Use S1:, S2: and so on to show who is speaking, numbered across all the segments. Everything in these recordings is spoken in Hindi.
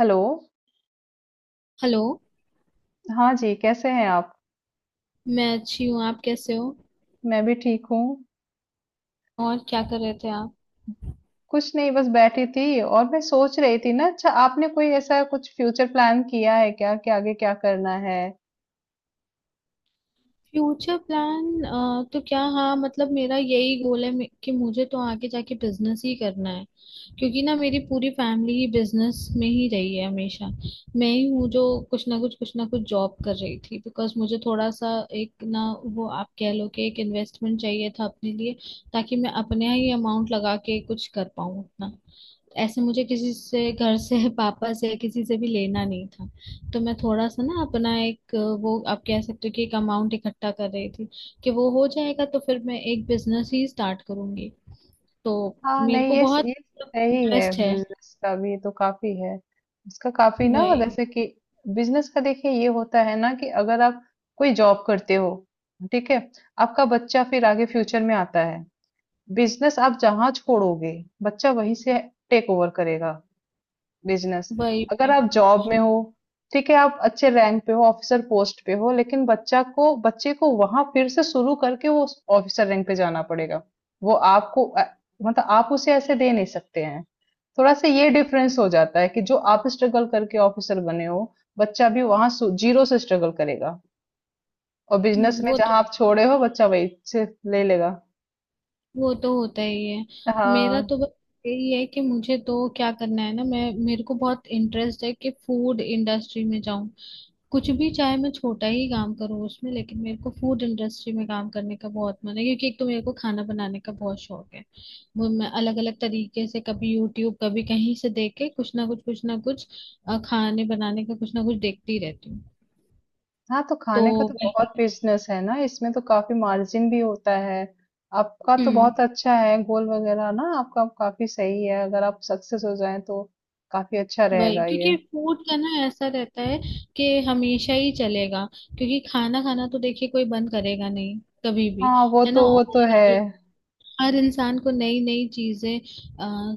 S1: हेलो।
S2: हेलो।
S1: हाँ जी, कैसे हैं आप?
S2: मैं अच्छी हूँ। आप कैसे हो?
S1: मैं भी ठीक हूँ।
S2: और क्या कर रहे थे आप?
S1: कुछ नहीं, बस बैठी थी और मैं सोच रही थी ना, अच्छा आपने कोई ऐसा कुछ फ्यूचर प्लान किया है क्या कि आगे क्या करना है?
S2: फ्यूचर प्लान तो क्या, हाँ मतलब मेरा यही गोल है कि मुझे तो आगे जाके बिजनेस ही करना है। क्योंकि ना मेरी पूरी फैमिली ही बिजनेस में ही रही है हमेशा। मैं ही हूँ जो कुछ ना कुछ जॉब कर रही थी, बिकॉज मुझे थोड़ा सा एक ना, वो आप कह लो कि एक इन्वेस्टमेंट चाहिए था अपने लिए। ताकि मैं अपने ही अमाउंट लगा के कुछ कर पाऊँ अपना। ऐसे मुझे किसी से, घर से, पापा से, किसी से भी लेना नहीं था। तो मैं थोड़ा सा ना अपना एक, वो आप कह सकते हो कि एक अमाउंट इकट्ठा कर रही थी। कि वो हो जाएगा तो फिर मैं एक बिजनेस ही स्टार्ट करूंगी। तो
S1: हाँ।
S2: मेरे
S1: नहीं
S2: को
S1: ये
S2: बहुत
S1: ये सही है,
S2: इंटरेस्ट है।
S1: बिजनेस का भी तो काफी है। इसका काफी ना,
S2: वही
S1: जैसे कि बिजनेस का देखिए ये होता है ना कि अगर आप कोई जॉब करते हो, ठीक है, आपका बच्चा फिर आगे फ्यूचर में आता है। बिजनेस आप जहाँ छोड़ोगे, बच्चा वहीं से टेक ओवर करेगा बिजनेस।
S2: वही
S1: अगर आप
S2: वही।
S1: जॉब में हो, ठीक है, आप अच्छे रैंक पे हो, ऑफिसर पोस्ट पे हो, लेकिन बच्चा को बच्चे को वहां फिर से शुरू करके वो ऑफिसर रैंक पे जाना पड़ेगा। वो आपको मतलब आप उसे ऐसे दे नहीं सकते हैं। थोड़ा सा ये डिफरेंस हो जाता है कि जो आप स्ट्रगल करके ऑफिसर बने हो, बच्चा भी वहां जीरो से स्ट्रगल करेगा। और बिजनेस में
S2: वो तो
S1: जहां आप छोड़े हो, बच्चा वही से ले लेगा।
S2: होता ही है। मेरा
S1: हाँ
S2: तो बस यही है कि मुझे तो क्या करना है ना, मैं मेरे को बहुत इंटरेस्ट है कि फूड इंडस्ट्री में जाऊं। कुछ भी चाहे मैं छोटा ही काम करूँ उसमें, लेकिन मेरे को फूड इंडस्ट्री में काम करने का बहुत मन है क्योंकि एक तो मेरे को खाना बनाने का बहुत शौक है। वो मैं अलग अलग तरीके से कभी यूट्यूब कभी कहीं से देख के कुछ ना कुछ खाने बनाने का कुछ ना कुछ देखती रहती हूँ।
S1: हाँ, तो
S2: तो
S1: खाने का तो बहुत
S2: वही।
S1: बिजनेस है ना, इसमें तो काफी मार्जिन भी होता है। आपका तो
S2: हम्म।
S1: बहुत अच्छा है गोल वगैरह ना, आपका काफी सही है, अगर आप सक्सेस हो जाएं तो काफी अच्छा
S2: वही।
S1: रहेगा ये।
S2: क्योंकि फूड का ना ऐसा रहता है कि हमेशा ही चलेगा, क्योंकि खाना खाना तो देखिए कोई बंद करेगा नहीं कभी भी।
S1: हाँ, वो
S2: है ना।
S1: तो वो तो है।
S2: और हर इंसान को नई नई चीजें अ,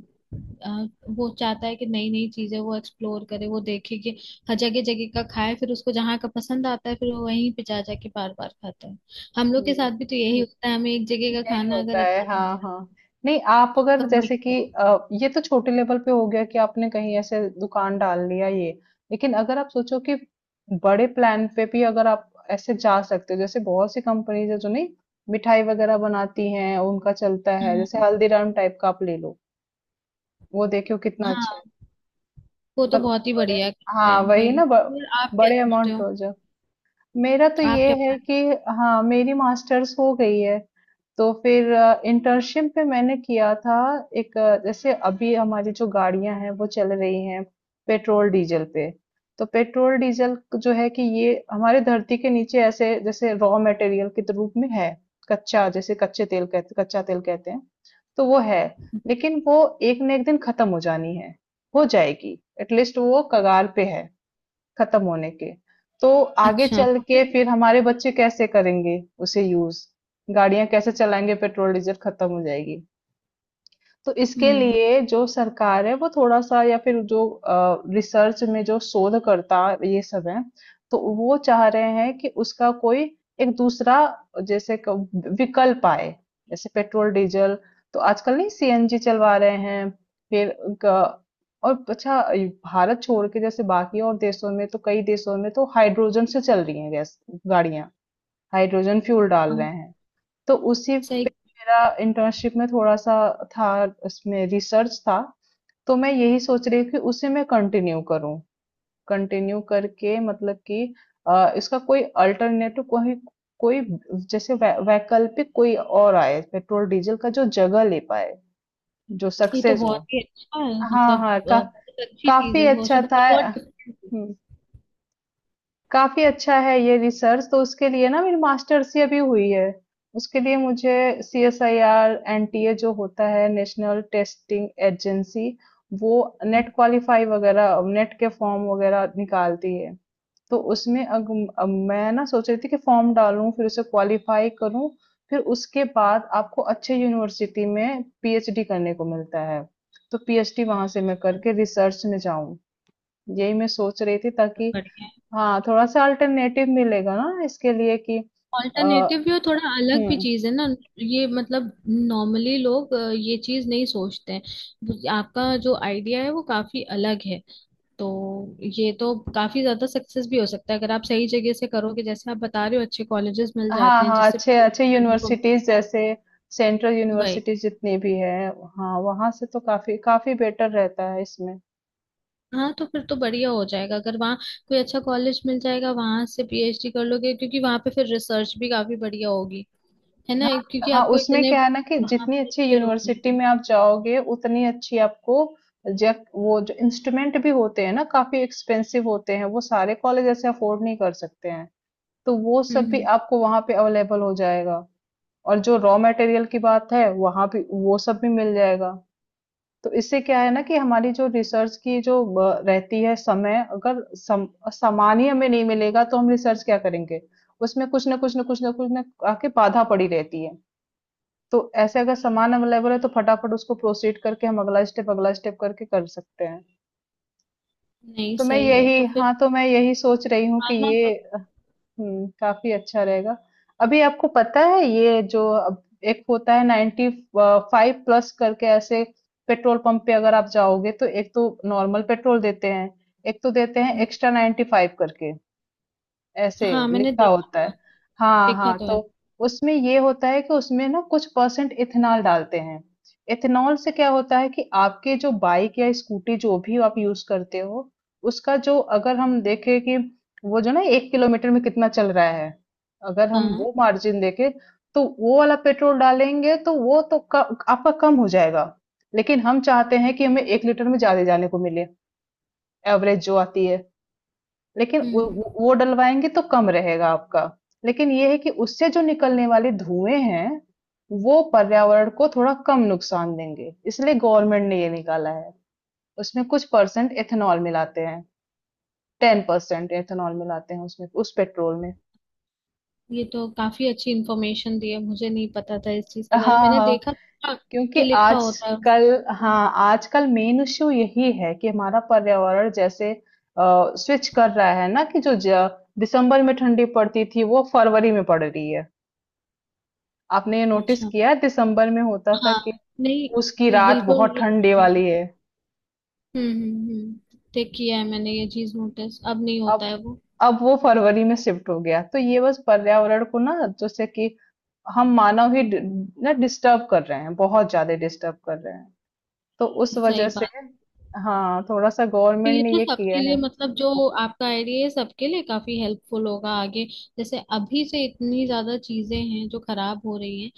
S2: अ, वो चाहता है कि नई नई चीजें वो एक्सप्लोर करे, वो देखे कि हर जगह जगह का खाए, फिर उसको जहाँ का पसंद आता है फिर वो वहीं पे जा जाके बार बार खाता है। हम लोग के
S1: हम्म,
S2: साथ भी तो यही होता है, हमें एक जगह का
S1: यही
S2: खाना अगर
S1: होता है,
S2: अच्छा नहीं
S1: हाँ
S2: लगा
S1: हाँ। नहीं आप
S2: तो
S1: अगर
S2: हम
S1: जैसे कि ये तो छोटे लेवल पे हो गया कि आपने कहीं ऐसे दुकान डाल लिया ये, लेकिन अगर आप सोचो कि बड़े प्लान पे भी अगर आप ऐसे जा सकते हो, जैसे बहुत सी कंपनीज है जो नहीं मिठाई वगैरह बनाती हैं, उनका चलता है, जैसे
S2: हाँ
S1: हल्दीराम टाइप का आप ले लो। वो देखो कितना अच्छा है।
S2: हाँ। वो तो
S1: अगर उस
S2: बहुत ही
S1: बड़े,
S2: बढ़िया करते
S1: हाँ
S2: हैं
S1: वही
S2: भाई।
S1: ना
S2: फिर आप क्या
S1: बड़े
S2: सोचते
S1: अमाउंट
S2: हो?
S1: हो। मेरा तो
S2: आप
S1: ये
S2: क्या
S1: है
S2: प्लान?
S1: कि हाँ, मेरी मास्टर्स हो गई है, तो फिर इंटर्नशिप में मैंने किया था एक, जैसे अभी हमारी जो गाड़ियां हैं वो चल रही हैं पेट्रोल डीजल पे। तो पेट्रोल डीजल जो है कि ये हमारे धरती के नीचे ऐसे जैसे रॉ मटेरियल के रूप में है। कच्चा, जैसे कच्चे तेल कहते कच्चा तेल कहते हैं। तो वो है, लेकिन वो एक न एक दिन खत्म हो जानी है, हो जाएगी, एटलीस्ट वो कगार पे है खत्म होने के। तो आगे
S2: अच्छा
S1: चल
S2: तो
S1: के
S2: फिर।
S1: फिर हमारे बच्चे कैसे करेंगे उसे यूज़? गाड़ियाँ कैसे चलाएँगे? पेट्रोल, डीजल खत्म हो जाएगी। तो इसके
S2: हम्म।
S1: लिए जो सरकार है वो थोड़ा सा, या फिर जो रिसर्च में जो शोधकर्ता ये सब है, तो वो चाह रहे हैं कि उसका कोई एक दूसरा, जैसे विकल्प आए जैसे पेट्रोल डीजल। तो आजकल नहीं सीएनजी चलवा रहे हैं। फिर ग- और अच्छा, ये भारत छोड़ के जैसे बाकी और देशों में, तो कई देशों में तो हाइड्रोजन से चल रही हैं गैस गाड़ियां, हाइड्रोजन फ्यूल डाल
S2: हाँ,
S1: रहे हैं। तो उसी पे
S2: सही।
S1: मेरा इंटर्नशिप में थोड़ा सा था, उसमें रिसर्च था। तो मैं यही सोच रही हूँ कि उसी में कंटिन्यू करूँ। कंटिन्यू करके मतलब कि इसका कोई अल्टरनेटिव कोई कोई, जैसे वैकल्पिक कोई और आए पेट्रोल डीजल का जो जगह ले पाए, जो
S2: ये तो
S1: सक्सेस हो।
S2: बहुत ही अच्छा है,
S1: हाँ
S2: मतलब
S1: हाँ
S2: बहुत अच्छी चीज
S1: काफी
S2: है, सोशल
S1: अच्छा था।
S2: बट बहुत डिफरेंट।
S1: हम्म, काफ़ी अच्छा है ये रिसर्च, तो उसके लिए ना मेरी मास्टर्स ही अभी हुई है। उसके लिए मुझे C S I R N T A, जो होता है नेशनल टेस्टिंग एजेंसी, वो नेट क्वालिफाई वगैरह, नेट के फॉर्म वगैरह निकालती है। तो उसमें अब मैं ना सोच रही थी कि फॉर्म डालूं, फिर उसे क्वालिफाई करूं, फिर उसके बाद आपको अच्छे यूनिवर्सिटी में पीएचडी करने को मिलता है। तो पीएचडी वहां से मैं करके रिसर्च में जाऊं, यही मैं सोच रही थी, ताकि
S2: बढ़िया है।
S1: हाँ थोड़ा सा अल्टरनेटिव मिलेगा ना इसके लिए कि
S2: ऑल्टरनेटिव भी,
S1: अ,
S2: और थोड़ा अलग भी
S1: हम्म।
S2: चीज है ना। ये मतलब नॉर्मली लोग ये चीज नहीं सोचते हैं, आपका जो आइडिया है वो काफी अलग है। तो ये तो काफी ज्यादा सक्सेस भी हो सकता है, अगर आप सही जगह से करोगे, जैसे आप बता रहे हो अच्छे कॉलेजेस मिल
S1: हाँ
S2: जाते हैं
S1: हाँ,
S2: जिससे
S1: अच्छे अच्छे
S2: पीएचडी करने को
S1: यूनिवर्सिटीज
S2: मिलता है।
S1: जैसे सेंट्रल
S2: वही।
S1: यूनिवर्सिटीज जितनी भी है। हाँ वहाँ से तो काफी काफी बेटर रहता है इसमें।
S2: हाँ तो फिर तो बढ़िया हो जाएगा, अगर वहाँ कोई अच्छा कॉलेज मिल जाएगा, वहां से पीएचडी कर लोगे, क्योंकि वहां पे फिर रिसर्च भी काफी बढ़िया होगी, है ना।
S1: हाँ
S2: क्योंकि
S1: हाँ,
S2: आपको
S1: उसमें
S2: इतने
S1: क्या है ना कि
S2: वहां
S1: जितनी
S2: पे
S1: अच्छी
S2: अच्छे लोग
S1: यूनिवर्सिटी
S2: मिलेंगे।
S1: में आप जाओगे, उतनी अच्छी आपको, जब वो जो इंस्ट्रूमेंट भी होते हैं ना काफी एक्सपेंसिव होते हैं, वो सारे कॉलेज ऐसे अफोर्ड नहीं कर सकते हैं। तो वो सब भी
S2: हम्म।
S1: आपको वहां पे अवेलेबल हो जाएगा। और जो रॉ मटेरियल की बात है, वहाँ भी वो सब भी मिल जाएगा। तो इससे क्या है ना कि हमारी जो रिसर्च की जो रहती है समय, अगर सामान ही हमें नहीं मिलेगा तो हम रिसर्च क्या करेंगे? उसमें कुछ ना कुछ आके बाधा पड़ी रहती है। तो ऐसे अगर सामान अवेलेबल है तो फटाफट उसको प्रोसीड करके हम अगला स्टेप करके कर सकते हैं।
S2: नहीं
S1: तो मैं
S2: सही है तो
S1: यही
S2: फिर
S1: हाँ तो मैं यही सोच रही हूँ कि
S2: आना
S1: ये
S2: तो।
S1: हुँ, काफ़ी अच्छा रहेगा। अभी आपको पता है ये जो अब एक होता है 90, 5 प्लस करके ऐसे, पेट्रोल पंप पे अगर आप जाओगे तो एक तो नॉर्मल पेट्रोल देते हैं, एक तो देते हैं
S2: हम्म,
S1: एक्स्ट्रा 95 करके। ऐसे
S2: हाँ मैंने
S1: लिखा
S2: देखा
S1: होता
S2: था,
S1: है। हाँ
S2: देखा
S1: हाँ,
S2: तो
S1: तो
S2: है।
S1: उसमें ये होता है कि उसमें ना कुछ परसेंट इथेनॉल डालते हैं। इथेनॉल से क्या होता है कि आपके जो बाइक या स्कूटी जो भी आप यूज करते हो, उसका जो अगर हम देखें कि वो जो ना एक किलोमीटर में कितना चल रहा है, अगर हम
S2: हाँ।
S1: वो मार्जिन देखें तो वो वाला पेट्रोल डालेंगे तो वो तो आपका कम हो जाएगा। लेकिन हम चाहते हैं कि हमें एक लीटर में ज्यादा जाने को मिले, एवरेज जो आती है, लेकिन वो
S2: हम्म।
S1: वो वो डलवाएंगे तो कम रहेगा आपका। लेकिन ये है कि उससे जो निकलने वाले धुएं हैं, वो पर्यावरण को थोड़ा कम नुकसान देंगे, इसलिए गवर्नमेंट ने ये निकाला है। उसमें कुछ परसेंट एथेनॉल मिलाते हैं, 10% एथेनॉल मिलाते हैं उसमें, उस पेट्रोल में।
S2: ये तो काफी अच्छी इंफॉर्मेशन दी है, मुझे नहीं पता था इस चीज के बारे में,
S1: हाँ
S2: मैंने
S1: हाँ।
S2: देखा था
S1: क्योंकि
S2: कि लिखा होता है
S1: आजकल, हाँ
S2: उसमें।
S1: आजकल मेन इश्यू यही है कि हमारा पर्यावरण जैसे स्विच कर रहा है ना, कि जो दिसंबर में ठंडी पड़ती थी वो फरवरी में पड़ रही है। आपने ये नोटिस
S2: अच्छा।
S1: किया है, दिसंबर में होता था
S2: हाँ।
S1: कि उसकी
S2: नहीं
S1: रात
S2: बिल्कुल।
S1: बहुत
S2: ये।
S1: ठंडे वाली है।
S2: ठीक किया है मैंने ये चीज नोटिस, अब नहीं
S1: अब
S2: होता है वो।
S1: अब वो फरवरी में शिफ्ट हो गया। तो ये बस पर्यावरण को ना, जैसे कि हम मानव ही डि- ना डिस्टर्ब कर रहे हैं, बहुत ज्यादा डिस्टर्ब कर रहे हैं, तो उस
S2: सही
S1: वजह से
S2: बात।
S1: हाँ थोड़ा सा
S2: तो
S1: गवर्नमेंट
S2: ये
S1: ने
S2: तो
S1: ये किया
S2: सबके लिए,
S1: है।
S2: मतलब जो आपका आइडिया है सबके लिए काफी हेल्पफुल होगा आगे। जैसे अभी से इतनी ज्यादा चीजें हैं जो खराब हो रही हैं,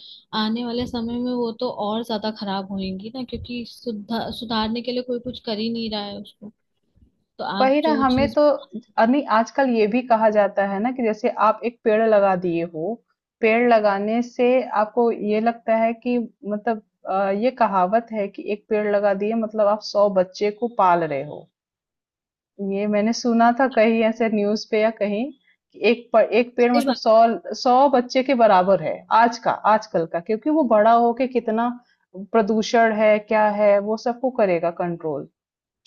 S2: आने वाले समय में वो तो और ज्यादा खराब होंगी ना, क्योंकि सुधार सुधारने के लिए कोई कुछ कर ही नहीं रहा है उसको। तो आप
S1: वही ना
S2: जो
S1: हमें
S2: चीज।
S1: तो, नहीं आजकल ये भी कहा जाता है ना कि जैसे आप एक पेड़ लगा दिए हो, पेड़ लगाने से आपको ये लगता है कि मतलब ये कहावत है कि एक पेड़ लगा दिए मतलब आप 100 बच्चे को पाल रहे हो। ये मैंने सुना था कहीं ऐसे न्यूज पे या कहीं, कि एक पेड़
S2: सही
S1: मतलब
S2: बात।
S1: 100 बच्चे के बराबर है आज का आजकल का, क्योंकि वो बड़ा होके कितना प्रदूषण है क्या है, वो सबको करेगा कंट्रोल,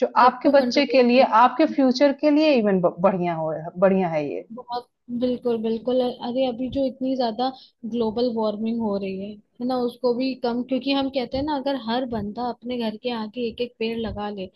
S1: जो आपके
S2: सबको
S1: बच्चे
S2: कंट्रोल।
S1: के लिए, आपके फ्यूचर के लिए इवन ब बढ़िया हो। बढ़िया है ये।
S2: बहुत। बिल्कुल बिल्कुल। अरे अभी जो इतनी ज्यादा ग्लोबल वार्मिंग हो रही है ना, उसको भी कम, क्योंकि हम कहते हैं ना, अगर हर बंदा अपने घर के आगे एक एक पेड़ लगा ले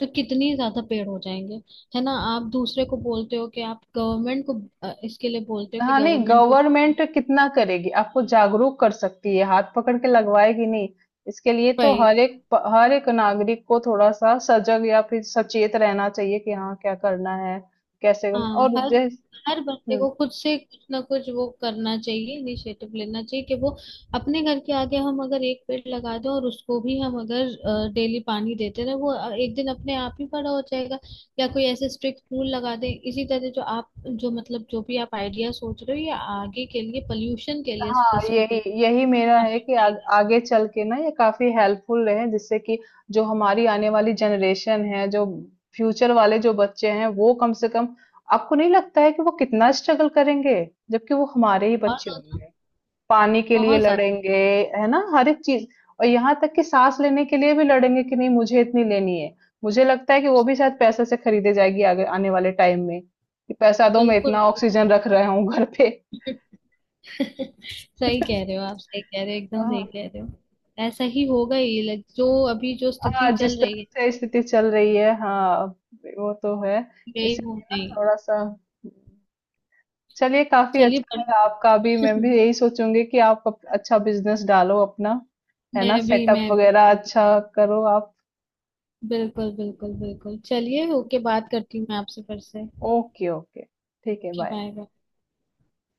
S2: तो कितनी ज्यादा पेड़ हो जाएंगे। है ना, आप दूसरे को बोलते हो कि आप गवर्नमेंट को इसके लिए बोलते हो कि
S1: हाँ, नहीं
S2: गवर्नमेंट को।
S1: गवर्नमेंट कितना करेगी? आपको जागरूक कर सकती है, हाथ पकड़ के लगवाएगी नहीं। इसके लिए तो हर एक नागरिक को थोड़ा-सा सजग या फिर सचेत रहना चाहिए कि हाँ, क्या करना है? कैसे हम
S2: हाँ।
S1: और
S2: हर
S1: जैस
S2: हर बंदे
S1: हुँ।
S2: को खुद से कुछ ना कुछ वो करना चाहिए, इनिशिएटिव लेना चाहिए कि वो अपने घर के आगे हम अगर एक पेड़ लगा दें और उसको भी हम अगर डेली पानी देते रहे वो एक दिन अपने आप ही बड़ा हो जाएगा। या कोई ऐसे स्ट्रिक्ट रूल लगा दें, इसी तरह जो आप जो मतलब जो भी आप आइडिया सोच रहे हो ये आगे के लिए पोल्यूशन के लिए
S1: हाँ,
S2: स्पेसिफिकली
S1: यही यही मेरा है
S2: काफी
S1: कि
S2: सही है।
S1: आगे चल के ना ये काफी हेल्पफुल रहे, जिससे कि जो हमारी आने वाली जनरेशन है, जो फ्यूचर वाले जो बच्चे हैं, वो कम से कम, आपको नहीं लगता है कि वो कितना स्ट्रगल करेंगे? जबकि वो हमारे ही
S2: बहुत
S1: बच्चे
S2: ज्यादा।
S1: होंगे। पानी के लिए
S2: बहुत ज्यादा।
S1: लड़ेंगे, है ना, हर एक चीज, और यहाँ तक कि सांस लेने के लिए भी लड़ेंगे कि नहीं मुझे इतनी लेनी है। मुझे लगता है कि वो भी शायद पैसे से खरीदे जाएगी आगे आने वाले टाइम में, कि पैसा दो मैं
S2: बिल्कुल
S1: इतना ऑक्सीजन रख रहा हूँ घर पे।
S2: सही कह रहे हो आप, सही कह रहे हो, एकदम सही कह रहे हो। ऐसा ही होगा ही, लाइक जो अभी जो
S1: हाँ,
S2: स्थिति
S1: जिस
S2: चल रही
S1: तरह
S2: है
S1: से स्थिति चल रही है, हाँ वो तो है।
S2: यही हो
S1: इसलिए
S2: रही
S1: ना
S2: है।
S1: थोड़ा सा, चलिए काफी
S2: चलिए
S1: अच्छा लगा,
S2: बढ़िया।
S1: आपका भी मैं भी यही सोचूंगी कि आप अच्छा बिजनेस डालो अपना, है
S2: मैं
S1: ना,
S2: भी
S1: सेटअप
S2: मैं भी
S1: वगैरह
S2: मैं भी।
S1: अच्छा करो आप।
S2: बिल्कुल बिल्कुल बिल्कुल। चलिए ओके, बात करती हूँ मैं आपसे फिर से।
S1: ओके ओके, ठीक है,
S2: बाय
S1: बाय।
S2: बाय।